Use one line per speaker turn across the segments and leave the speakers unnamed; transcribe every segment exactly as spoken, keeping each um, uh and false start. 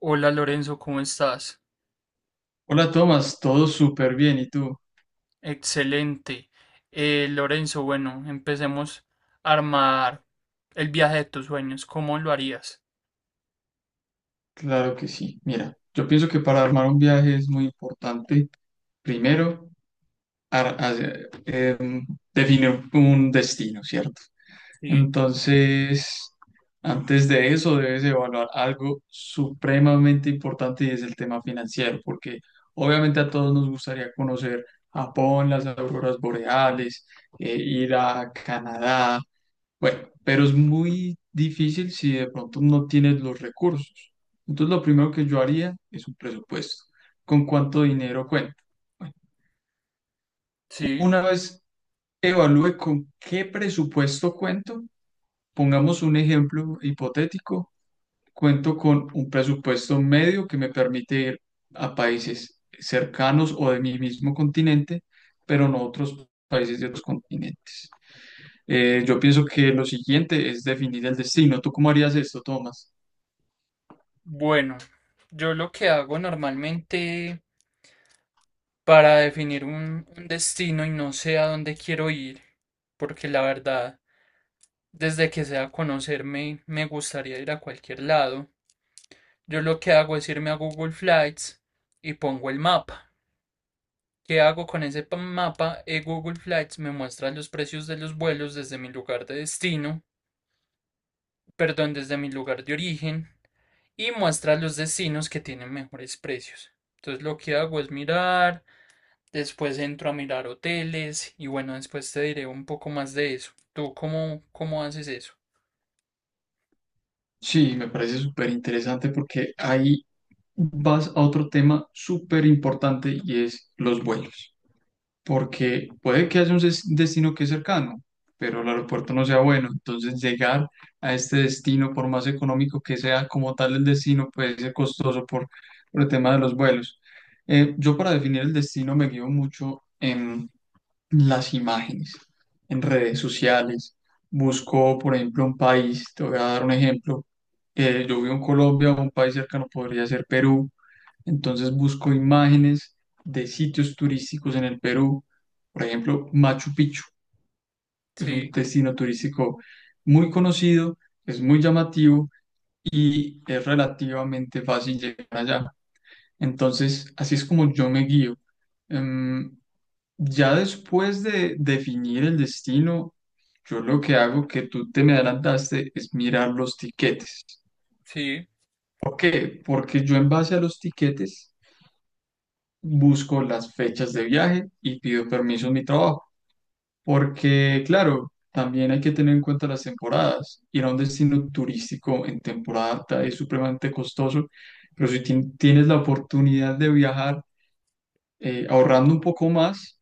Hola Lorenzo, ¿cómo estás?
Hola Tomás, todo súper bien. ¿Y tú?
Excelente. Eh, Lorenzo, bueno, empecemos a armar el viaje de tus sueños. ¿Cómo lo harías?
Claro que sí. Mira, yo pienso que para armar un viaje es muy importante, primero, ar- hacer- eh, definir un destino, ¿cierto?
Sí,
Entonces, antes de eso debes evaluar algo supremamente importante y es el tema financiero, porque obviamente a todos nos gustaría conocer Japón, las auroras boreales, eh, ir a Canadá. Bueno, pero es muy difícil si de pronto no tienes los recursos. Entonces, lo primero que yo haría es un presupuesto. ¿Con cuánto dinero cuento? Bueno,
sí.
una vez evalúe con qué presupuesto cuento, pongamos un ejemplo hipotético, cuento con un presupuesto medio que me permite ir a países cercanos o de mi mismo continente, pero no a otros países de otros continentes. Eh, yo pienso que lo siguiente es definir el destino. ¿Tú cómo harías esto, Tomás?
Bueno, yo lo que hago normalmente para definir un, un destino y no sé a dónde quiero ir, porque la verdad, desde que sea conocerme, me gustaría ir a cualquier lado. Yo lo que hago es irme a Google Flights y pongo el mapa. ¿Qué hago con ese pa- mapa? Eh, Google Flights me muestra los precios de los vuelos desde mi lugar de destino, perdón, desde mi lugar de origen, y muestra los destinos que tienen mejores precios. Entonces lo que hago es mirar, después entro a mirar hoteles y bueno, después te diré un poco más de eso. ¿Tú cómo, cómo haces eso?
Sí, me parece súper interesante porque ahí vas a otro tema súper importante y es los vuelos. Porque puede que haya un des- destino que es cercano, pero el aeropuerto no sea bueno. Entonces llegar a este destino, por más económico que sea como tal el destino, puede ser costoso por, por el tema de los vuelos. Eh, yo para definir el destino me guío mucho las imágenes en redes sociales. Busco, por ejemplo, un país, te voy a dar un ejemplo. Eh, yo vivo en Colombia. Un país cercano podría ser Perú. Entonces busco imágenes de sitios turísticos en el Perú. Por ejemplo, Machu Picchu es un
Sí,
destino turístico muy conocido, es muy llamativo y es relativamente fácil llegar allá. Entonces, así es como yo me guío. Em, ya después de definir el destino, yo lo que hago, que tú te me adelantaste, es mirar los tiquetes.
sí,
¿Por qué? Porque yo en base a los tiquetes busco las fechas de viaje y pido permiso en mi trabajo. Porque, claro, también hay que tener en cuenta las temporadas. Ir a un destino turístico en temporada alta es supremamente costoso, pero si tien- tienes la oportunidad de viajar eh, ahorrando un poco más,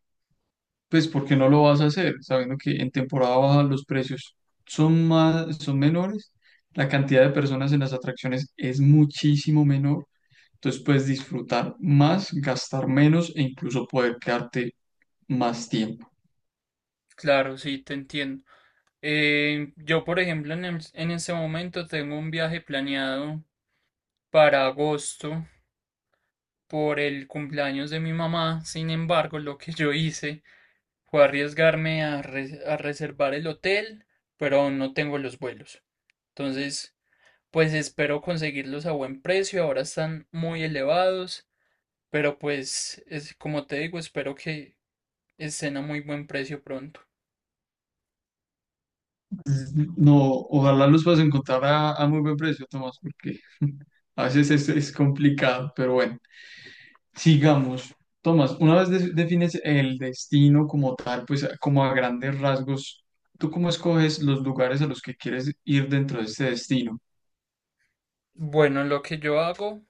pues ¿por qué no lo vas a hacer? Sabiendo que en temporada baja los precios son más, son menores, la cantidad de personas en las atracciones es muchísimo menor, entonces puedes disfrutar más, gastar menos e incluso poder quedarte más tiempo.
claro, sí, te entiendo. Eh, yo, por ejemplo, en, el- en este momento tengo un viaje planeado para agosto, por el cumpleaños de mi mamá. Sin embargo, lo que yo hice fue arriesgarme a, re- a reservar el hotel, pero aún no tengo los vuelos. Entonces, pues espero conseguirlos a buen precio. Ahora están muy elevados, pero pues es como te digo, espero que estén a muy buen precio pronto.
No, ojalá los puedas encontrar a, a muy buen precio, Tomás, porque a veces es, es complicado, pero bueno. Sigamos. Tomás, una vez de- defines el destino como tal, pues como a grandes rasgos, ¿tú cómo escoges los lugares a los que quieres ir dentro de este destino?
Bueno, lo que yo hago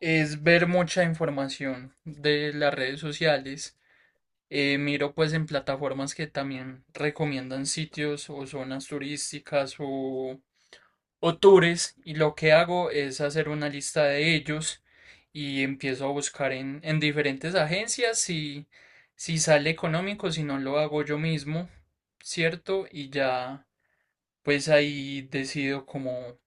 es ver mucha información de las redes sociales. Eh, miro pues en plataformas que también recomiendan sitios o zonas turísticas o, o tours, y lo que hago es hacer una lista de ellos y empiezo a buscar en, en diferentes agencias si, si sale económico, si no lo hago yo mismo, ¿cierto? Y ya pues ahí decido como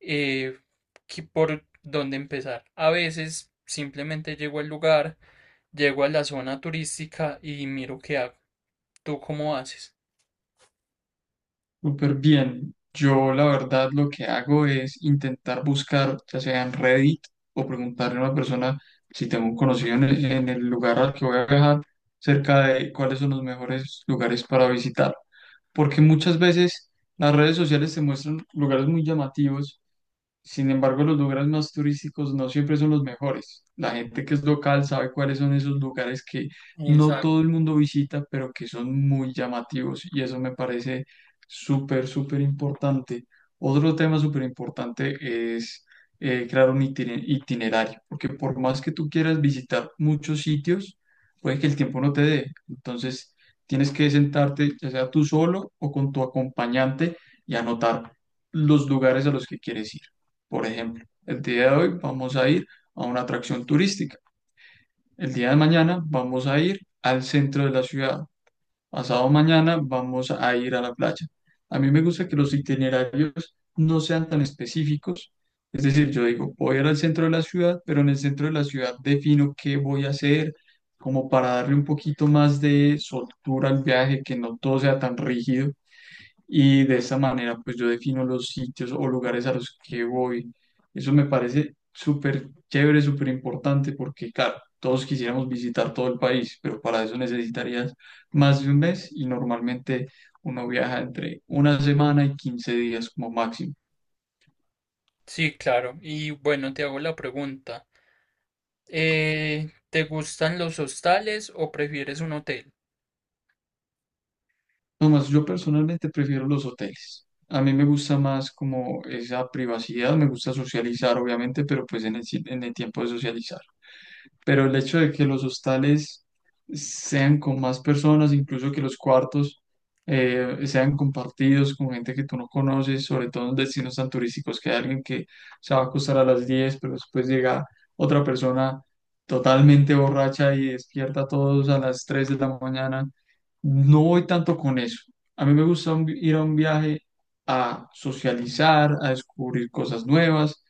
eh, qué- por dónde empezar. A veces simplemente llego al lugar, llego a la zona turística y miro qué hago. ¿Tú cómo haces?
Súper bien. Yo la verdad lo que hago es intentar buscar, ya sea en Reddit, o preguntarle a una persona si tengo un conocido en el, en el lugar al que voy a viajar, cerca de cuáles son los mejores lugares para visitar. Porque muchas veces las redes sociales te muestran lugares muy llamativos. Sin embargo, los lugares más turísticos no siempre son los mejores. La gente que es local sabe cuáles son esos lugares que no todo
Exacto.
el mundo visita, pero que son muy llamativos, y eso me parece súper, súper importante. Otro tema súper importante es eh, crear un itine- itinerario, porque por más que tú quieras visitar muchos sitios, puede que el tiempo no te dé. Entonces, tienes que sentarte, ya sea tú solo o con tu acompañante, y anotar los lugares a los que quieres ir. Por ejemplo, el día de hoy vamos a ir a una atracción turística. El día de mañana vamos a ir al centro de la ciudad. Pasado mañana vamos a ir a la playa. A mí me gusta que los itinerarios no sean tan específicos. Es decir, yo digo, voy a ir al centro de la ciudad, pero en el centro de la ciudad defino qué voy a hacer, como para darle un poquito más de soltura al viaje, que no todo sea tan rígido. Y de esta manera, pues yo defino los sitios o lugares a los que voy. Eso me parece súper chévere, súper importante, porque, claro, todos quisiéramos visitar todo el país, pero para eso necesitarías más de un mes, y normalmente uno viaja entre una semana y quince días como máximo.
Sí, claro. Y bueno, te hago la pregunta. Eh, ¿te gustan los hostales o prefieres un hotel?
Nomás, yo personalmente prefiero los hoteles. A mí me gusta más como esa privacidad, me gusta socializar, obviamente, pero pues en el, si- en el tiempo de socializar, pero el hecho de que los hostales sean con más personas, incluso que los cuartos eh, sean compartidos con gente que tú no conoces, sobre todo en destinos tan turísticos, que hay alguien que se va a acostar a las diez, pero después llega otra persona totalmente borracha y despierta a todos a las tres de la mañana. No voy tanto con eso. A mí me gusta un- ir a un viaje a socializar, a descubrir cosas nuevas,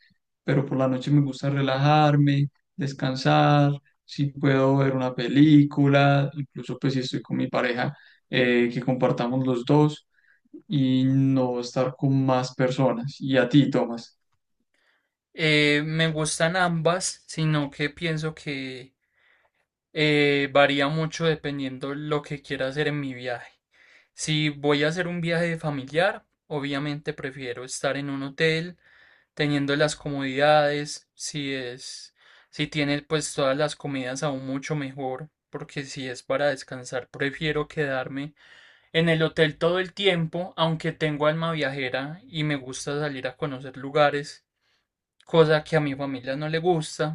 pero por la noche me gusta relajarme, descansar, si puedo ver una película, incluso pues si estoy con mi pareja, eh, que compartamos los dos y no estar con más personas. Y a ti, Tomás.
Eh, me gustan ambas, sino que pienso que eh, varía mucho dependiendo lo que quiera hacer en mi viaje. Si voy a hacer un viaje familiar, obviamente prefiero estar en un hotel teniendo las comodidades. si es, si tiene pues todas las comidas aún mucho mejor, porque si es para descansar, prefiero quedarme en el hotel todo el tiempo, aunque tengo alma viajera y me gusta salir a conocer lugares, cosa que a mi familia no le gusta.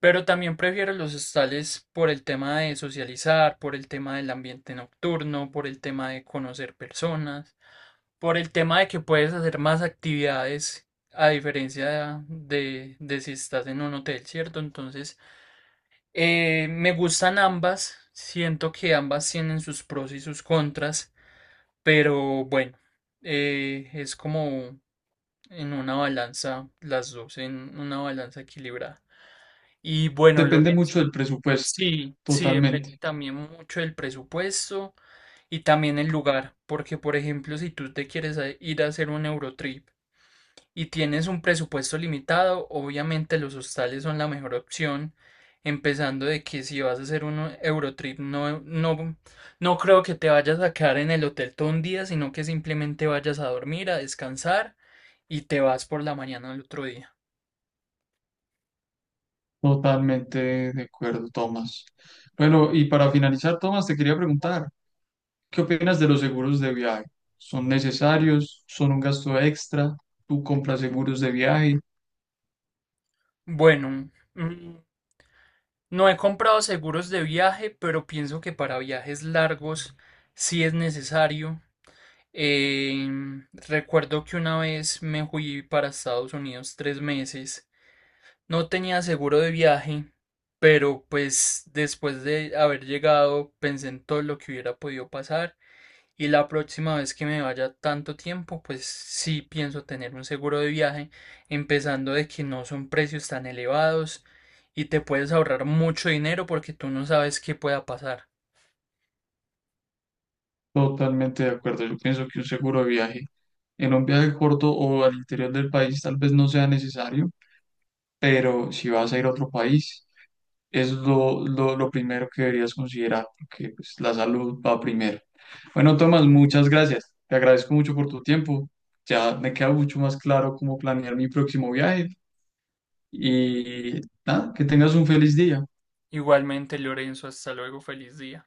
Pero también prefiero los hostales por el tema de socializar, por el tema del ambiente nocturno, por el tema de conocer personas. Por el tema de que puedes hacer más actividades a diferencia de, de si estás en un hotel, ¿cierto? Entonces, eh, me gustan ambas, siento que ambas tienen sus pros y sus contras, pero bueno, eh, es como en una balanza, las dos, en una balanza equilibrada. Y bueno,
Depende
Lorenzo,
mucho del presupuesto,
sí, sí, depende
totalmente.
también mucho del presupuesto, y también el lugar, porque por ejemplo, si tú te quieres a- ir a hacer un Eurotrip, y tienes un presupuesto limitado, obviamente los hostales son la mejor opción, empezando de que si vas a hacer un Eurotrip, no, no, no creo que te vayas a quedar en el hotel todo un día, sino que simplemente vayas a dormir, a descansar y te vas por la mañana al otro día.
Totalmente de acuerdo, Tomás. Bueno, y para finalizar, Tomás, te quería preguntar, ¿qué opinas de los seguros de viaje? ¿Son necesarios? ¿Son un gasto extra? ¿Tú compras seguros de viaje?
Bueno, mm, no he comprado seguros de viaje, pero pienso que para viajes largos sí es necesario. Em, recuerdo que una vez me fui para Estados Unidos tres meses. No tenía seguro de viaje, pero pues después de haber llegado pensé en todo lo que hubiera podido pasar, y la próxima vez que me vaya tanto tiempo, pues sí pienso tener un seguro de viaje, empezando de que no son precios tan elevados y te puedes ahorrar mucho dinero porque tú no sabes qué pueda pasar.
Totalmente de acuerdo. Yo pienso que un seguro de viaje, en un viaje corto o al interior del país tal vez no sea necesario, pero si vas a ir a otro país, es lo, lo, lo primero que deberías considerar, porque pues, la salud va primero. Bueno, Tomás, muchas gracias. Te agradezco mucho por tu tiempo. Ya me queda mucho más claro cómo planear mi próximo viaje y nada, que tengas un feliz día.
Igualmente, Lorenzo, hasta luego, feliz día.